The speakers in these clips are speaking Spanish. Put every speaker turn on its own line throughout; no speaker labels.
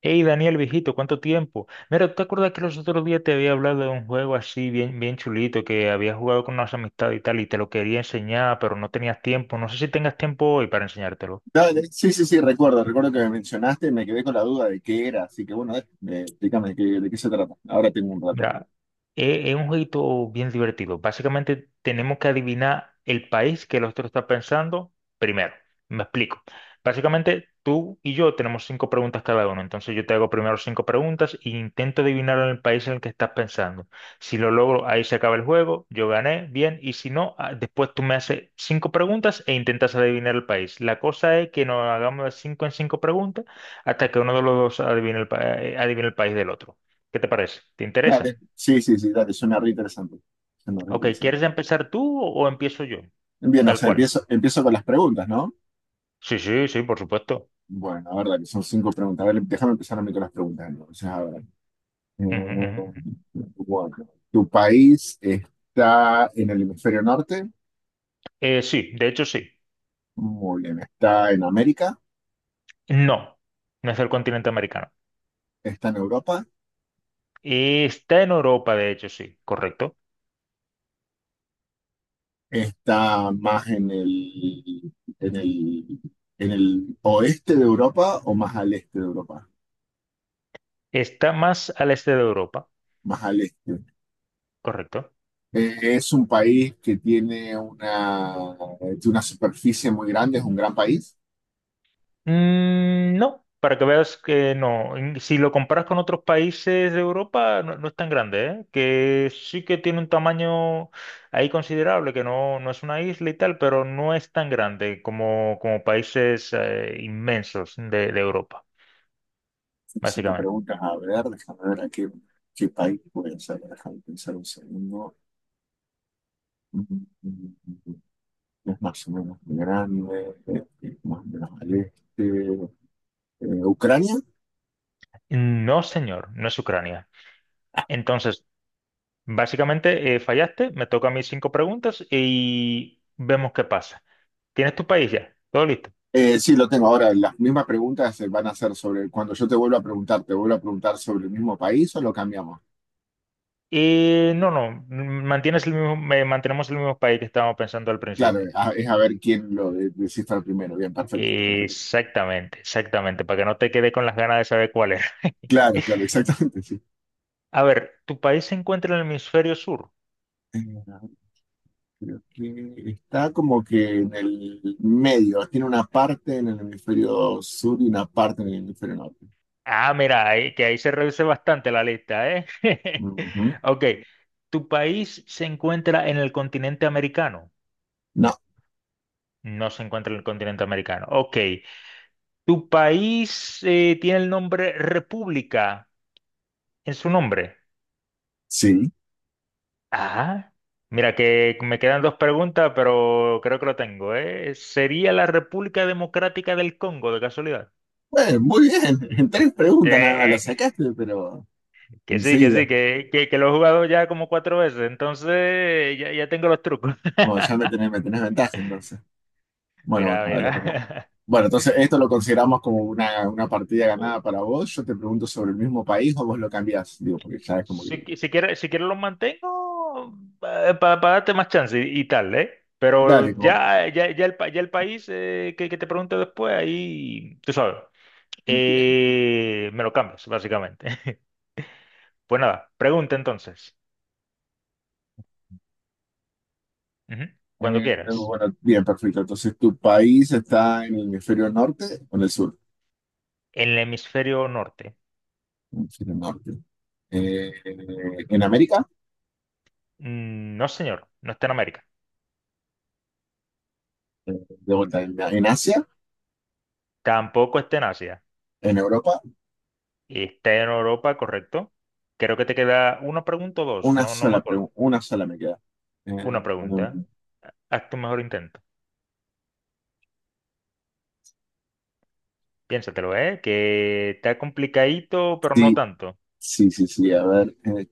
Hey Daniel, viejito, ¿cuánto tiempo? Mira, ¿tú te acuerdas que los otros días te había hablado de un juego así bien, bien chulito que había jugado con unas amistades y tal y te lo quería enseñar, pero no tenías tiempo? No sé si tengas tiempo hoy para enseñártelo.
No, sí, sí, sí, recuerdo que me mencionaste y me quedé con la duda de qué era, así que bueno, explícame de qué se trata. Ahora tengo un rato.
Mira, es un jueguito bien divertido. Básicamente tenemos que adivinar el país que el otro está pensando primero. Me explico. Básicamente tú y yo tenemos cinco preguntas cada uno. Entonces yo te hago primero cinco preguntas e intento adivinar el país en el que estás pensando. Si lo logro, ahí se acaba el juego. Yo gané, bien. Y si no, ah, después tú me haces cinco preguntas e intentas adivinar el país. La cosa es que nos hagamos de cinco en cinco preguntas hasta que uno de los dos adivine el país del otro. ¿Qué te parece? ¿Te interesa?
Dale, sí, sí, sí, dale, suena re interesante. Suena re
Ok,
interesante.
¿quieres empezar tú o empiezo yo?
Bien, o
Tal
sea,
cual.
empiezo con las preguntas, ¿no?
Sí, sí, sí, por supuesto.
Bueno, a ver, dale, son cinco preguntas. A ver, déjame empezar a mí con las preguntas. Entonces, a ver. Eh,
Ujú, ujú.
bueno, ¿tu país está en el hemisferio norte?
Sí, de hecho sí.
Muy bien, ¿está en América?
No, no es del continente americano.
¿Está en Europa?
Está en Europa, de hecho sí, correcto.
Está más en el, en el, ¿en el oeste de Europa o más al este de Europa?
Está más al este de Europa,
Más al este.
correcto.
Es un país que tiene una superficie muy grande, es un gran país.
Mm, no, para que veas que no. Si lo comparas con otros países de Europa, no, no es tan grande, ¿eh? Que sí que tiene un tamaño ahí considerable, que no, no es una isla y tal, pero no es tan grande como países inmensos de Europa,
Cinco
básicamente.
preguntas, a ver, déjame ver a qué, qué país puede ser, déjame pensar un segundo. Mm, mm, mm, mm, mm. Es más o menos grande, es más o menos al este. ¿Ucrania?
No, señor, no es Ucrania. Entonces, básicamente fallaste, me toca a mí cinco preguntas y vemos qué pasa. ¿Tienes tu país ya? ¿Todo listo?
Sí, lo tengo. Ahora, las mismas preguntas se van a hacer sobre, cuando yo te vuelva a preguntar, ¿te vuelvo a preguntar sobre el mismo país o lo cambiamos?
No, no, mantienes el mismo, mantenemos el mismo país que estábamos pensando al
Claro,
principio.
es a ver quién descifra primero. Bien, perfecto, perfecto.
Exactamente, exactamente, para que no te quede con las ganas de saber cuál era.
Claro, claro, exactamente, sí.
A ver, ¿tu país se encuentra en el hemisferio sur?
Eh, creo que está como que en el medio. Tiene una parte en el hemisferio sur y una parte en el hemisferio norte.
Ah, mira, que ahí se reduce bastante la lista, ¿eh?
Ujú.
Ok, ¿tu país se encuentra en el continente americano?
No,
No se encuentra en el continente americano. Ok, ¿tu país tiene el nombre República en su nombre?
sí.
Ah, mira que me quedan dos preguntas, pero creo que lo tengo, ¿eh? ¿Sería la República Democrática del Congo, de casualidad?
Bueno, muy bien. En tres preguntas nada más la
Eh,
sacaste, pero
que sí, que sí,
enseguida.
que lo he jugado ya como cuatro veces, entonces ya, ya tengo los trucos.
Bueno, ya me tenés ventaja entonces. Bueno, bueno,
Mira,
ahora ver,
mira.
bueno, entonces esto lo consideramos como una partida
Uh,
ganada para vos. Yo te pregunto sobre el mismo país o vos lo cambiás. Digo, porque ya es como que.
Si quieres los mantengo para darte más chance y tal, ¿eh?
Dale,
Pero
como.
ya, ya, ya, ya el país que te pregunte después, ahí, tú sabes,
Bien.
me lo cambias, básicamente. Pues nada, pregunta entonces. Ujú, cuando quieras.
Bueno, bien, perfecto. Entonces, ¿tu país está en el hemisferio norte o en el sur?
En el hemisferio norte.
Hemisferio norte. Eh, ¿En América?
Mm, no, señor, no está en América.
Eh, De vuelta, ¿en Asia?
Tampoco está en Asia.
¿En Europa?
Está en Europa, correcto. Creo que te queda una pregunta o dos,
Una
no, no me
sola
acuerdo.
pregunta, una sola me queda. Eh,
Una pregunta.
um,
Haz tu mejor intento. Piénsatelo, ¿eh? Que está complicadito, pero no
sí,
tanto.
sí, sí, sí. A ver.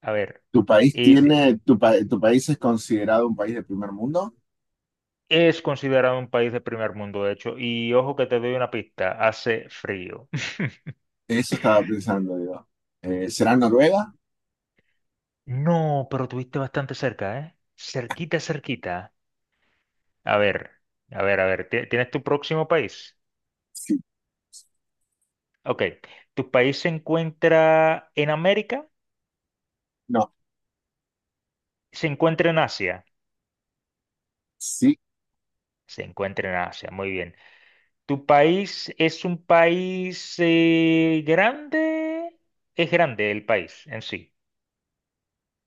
A ver,
¿Tu país
y te-
tiene, tu país es considerado un país de primer mundo?
es considerado un país de primer mundo, de hecho, y ojo que te doy una pista, hace frío.
Eso estaba pensando yo. ¿Será Noruega?
No, pero tuviste bastante cerca, ¿eh? Cerquita, cerquita. A ver, a ver, a ver, ¿tienes tu próximo país?
Sí.
Ok, ¿tu país se encuentra en América?
No,
¿Se encuentra en Asia?
sí.
Se encuentra en Asia, muy bien. ¿Tu país es un país grande? Es grande el país en sí.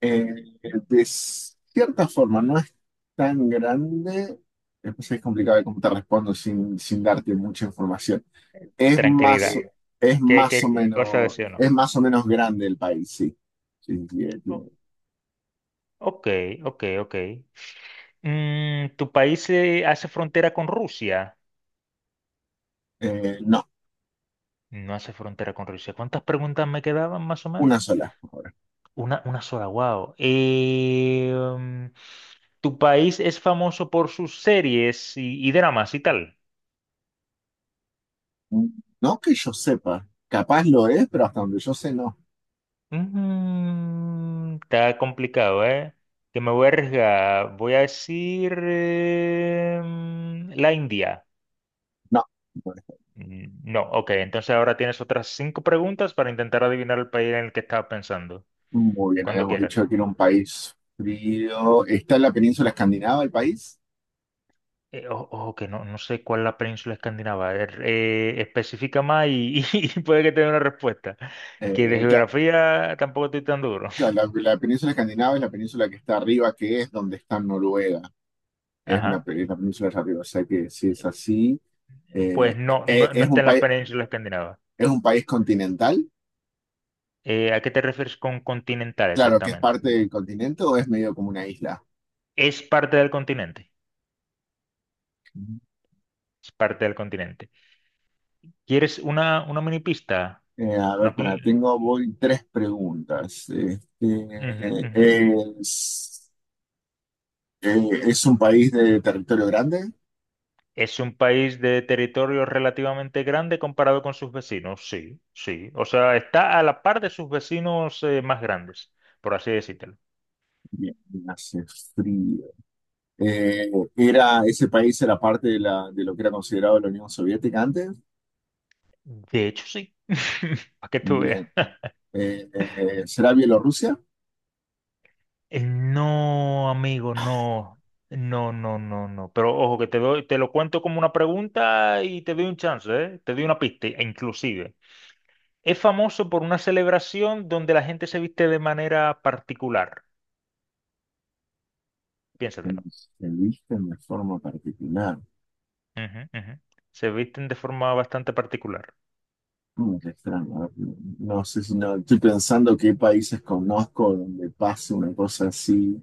Eh, de cierta forma, no es tan grande. Eh, pues es complicado de cómo te respondo sin, sin darte mucha información. Es más,
Tranquilidad.
eh,
¿Qué, qué cosa decía o
es
no?
más o menos grande el país, sí. Sí, sí,
O- Ok, ok, ok. ¿Tu país hace frontera con Rusia?
no,
No hace frontera con Rusia. ¿Cuántas preguntas me quedaban más o menos?
una sola. Por ahora.
Una sola, wow. ¿Tu país es famoso por sus series y dramas y tal?
No que yo sepa. Capaz lo es, pero hasta donde yo sé, no.
Está complicado, ¿eh? Que me voy a arriesgar. Voy a decir la India.
No, no.
Mm, no, ok. Entonces ahora tienes otras cinco preguntas para intentar adivinar el país en el que estaba pensando.
Muy bien,
Cuando
habíamos
quieras.
dicho que era un país frío. Está en la península escandinava el país.
Ojo, que no, no sé cuál es la península escandinava. A Especifica más y puede que te dé una respuesta. Que de
Eh, ca-
geografía tampoco estoy tan duro.
la península escandinava es la península que está arriba, que es donde está Noruega.
Ajá.
Es la península de arriba. O sea que si es así,
Pues
eh,
no,
eh,
no, no
¿es
está
un
en la
país,
península escandinava.
es un país continental?
¿A qué te refieres con continental
Claro, que es
exactamente?
parte del continente o es medio como una isla.
Es parte del continente. Es parte del continente. ¿Quieres una mini pista?
A ver,
Una pi-
para, tengo voy tres preguntas. Este,
Ujú, ujú, ujú.
¿es, ¿es un país de territorio grande?
Es un país de territorio relativamente grande comparado con sus vecinos, sí, sí. O sea, está a la par de sus vecinos más grandes, por así decírtelo.
Bien, hace frío. Era, ese país era parte de, la, de lo que era considerado la Unión Soviética antes.
De hecho, sí. Para que tú veas.
Bien. Eh, ¿Será Bielorrusia?
No, amigo, no. No, no, no, no. Pero ojo, que te doy, te lo cuento como una pregunta y te doy un chance, ¿eh? Te doy una pista, e inclusive. Es famoso por una celebración donde la gente se viste de manera particular.
Bueno,
Piénsatelo.
se viste de forma particular.
Ujú, ujú. Se visten de forma bastante particular,
Mm, qué extraño. A ver, no no sé si no, estoy pensando qué países conozco donde pase una cosa así.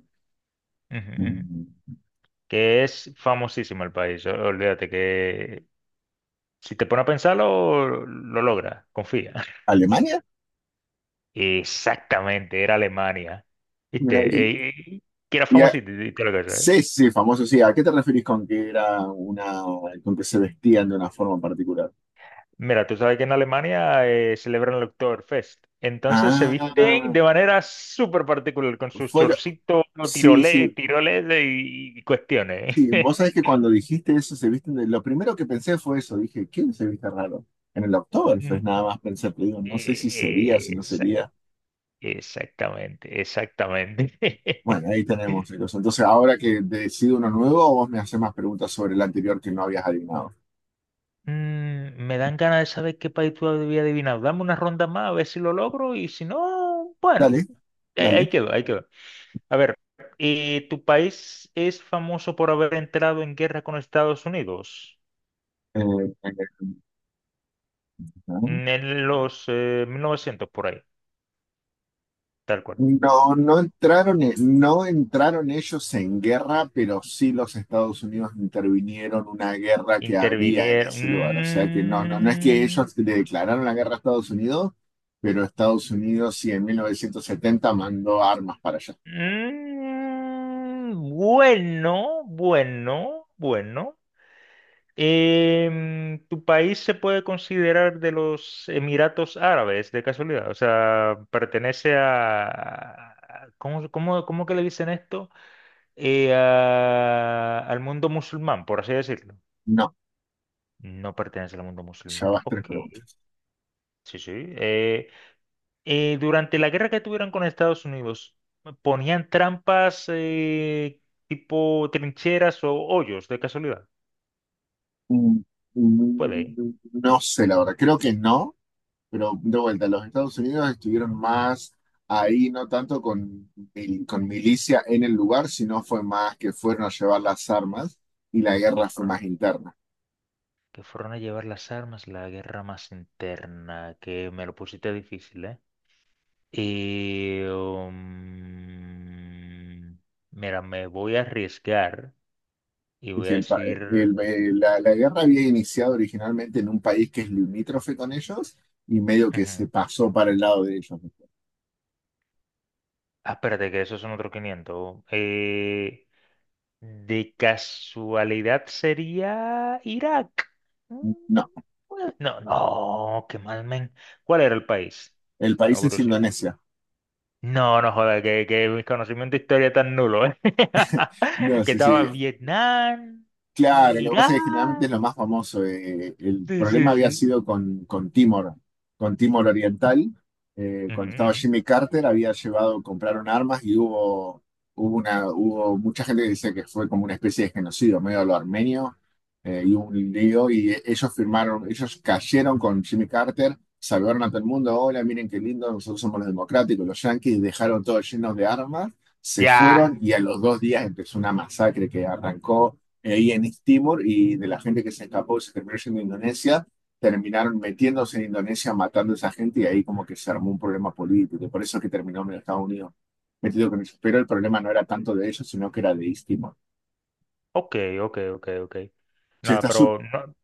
ujú, ujú,
Mm,
que es famosísimo el país. Olvídate que si te pones a pensarlo, lo logras, confía.
¿Alemania?
Exactamente, era Alemania.
Mira ahí.
¿Viste? Eh, eh, que era
Y a-
famosito y todo lo que sea, ¿eh?
sí, sí, famoso, sí. ¿A qué te referís con que era una, con que se vestían de una forma particular?
Mira, tú sabes que en Alemania celebran el Oktoberfest. Entonces se visten
Ah,
de manera súper particular, con sus
fue,
chorcitos,
Sí, sí,
tiroles, tiroles y cuestiones.
sí. Vos sabés que cuando dijiste eso, se visten de... Lo primero que pensé fue eso. Dije, ¿quién se viste raro? En el Oktoberfest
Ujú.
nada más pensé, pero digo, no sé si sería, si
Eh,
no sería.
Exactamente, exactamente.
Bueno, ahí tenemos, chicos. Entonces, ahora que decido uno nuevo, vos me haces más preguntas sobre el anterior que no habías adivinado.
Me dan ganas de saber qué país tú habías adivinado. Dame una ronda más a ver si lo logro y si no, bueno,
Dale,
ahí, ahí
dale.
quedó, ahí quedó. A ver, ¿tu país es famoso por haber entrado en guerra con Estados Unidos?
Eh, eh, eh, ¿No?
En los 1900 por ahí, tal cual.
No, no entraron, no entraron ellos en guerra, pero sí los Estados Unidos intervinieron una guerra que había en
Intervinieron.
ese lugar. O sea que no, no, no es que
Mm,
ellos le declararon la guerra a Estados Unidos, pero Estados Unidos sí en 1970 mandó armas para allá.
mm, bueno, bueno, bueno. ¿Tu país se puede considerar de los Emiratos Árabes, de casualidad? O sea, pertenece a... ¿Cómo que le dicen esto? Al mundo musulmán, por así decirlo.
No,
No pertenece al mundo
ya
musulmán.
vas tres
Ok,
preguntas.
sí, sí. Durante la guerra que tuvieron con Estados Unidos, ¿ponían trampas tipo trincheras o hoyos, de casualidad?
Mm, mm,
Puede.
No sé, la verdad, creo que no. Pero de vuelta, los Estados Unidos estuvieron más ahí, no tanto con, con milicia en el lugar, sino fue más que fueron a llevar las armas y la
Qué
guerra fue más
fuerte.
interna.
Que fueron a llevar las armas, la guerra más interna, que me lo pusiste difícil, ¿eh? Y mira, me voy a arriesgar y
Es
voy a
decir, el pa-
decir.
el- la guerra había iniciado originalmente en un país que es limítrofe con ellos y medio que se
Ujú.
pasó para el lado de ellos.
Ah, espérate, que esos son otros quinientos. De casualidad sería Irak. Mm,
No,
pues, no, no, qué mal, men. ¿Cuál era el país?
el
No,
país es Indonesia.
no, no joda, que mi conocimiento de historia es tan nulo, ¿eh?
No,
Que
sí,
estaba
sí,
Vietnam,
claro, lo que pasa es que generalmente es
Irán.
lo más famoso. Eh, el
Sí, sí,
problema había
sí.
sido con Timor Oriental.
Ujú,
Cuando estaba
ujú.
Jimmy Carter había llevado, compraron armas y hubo mucha gente que dice que fue como una especie de genocidio, medio a lo armenio, y hubo un lío y ellos firmaron, ellos cayeron con Jimmy Carter, saludaron a todo el mundo, hola, miren qué lindo, nosotros somos los democráticos, los yanquis, dejaron todo lleno de armas, se
Ya.
fueron y a los dos días empezó una masacre que arrancó ahí en East Timor y de la gente que se escapó y se terminó yendo a Indonesia, terminaron metiéndose en Indonesia, matando a esa gente y ahí como que se armó un problema político. Y por eso es que terminó en Estados Unidos metido con ellos. Pero el problema no era tanto de ellos, sino que era de East Timor.
Ok, ok, ok, ok.
Che,
No,
está, sup-
pero no,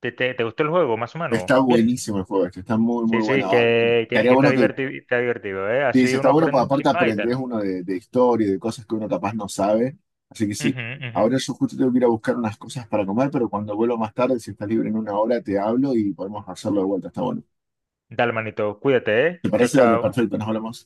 ¿te gustó el juego, más o menos?
está
Bien.
buenísimo el juego, este, está muy, muy
Sí,
bueno.
sí,
Ah,
que, que,
estaría
que
bueno que,
está divertido, ¿eh?
sí,
Así
sí, está
uno
bueno, porque
aprende un
aparte
chisme y
aprendés
tal.
uno de historia y de cosas que uno capaz no sabe. Así que sí.
Ujú, ujú.
Ahora yo justo tengo que ir a buscar unas cosas para comer, pero cuando vuelvo más tarde, si estás libre en una hora, te hablo y podemos hacerlo de vuelta. Está bueno.
Dale, manito, cuídate, ¿eh?
¿Te
Chao,
parece? Dale,
chao.
perfecto, nos hablamos.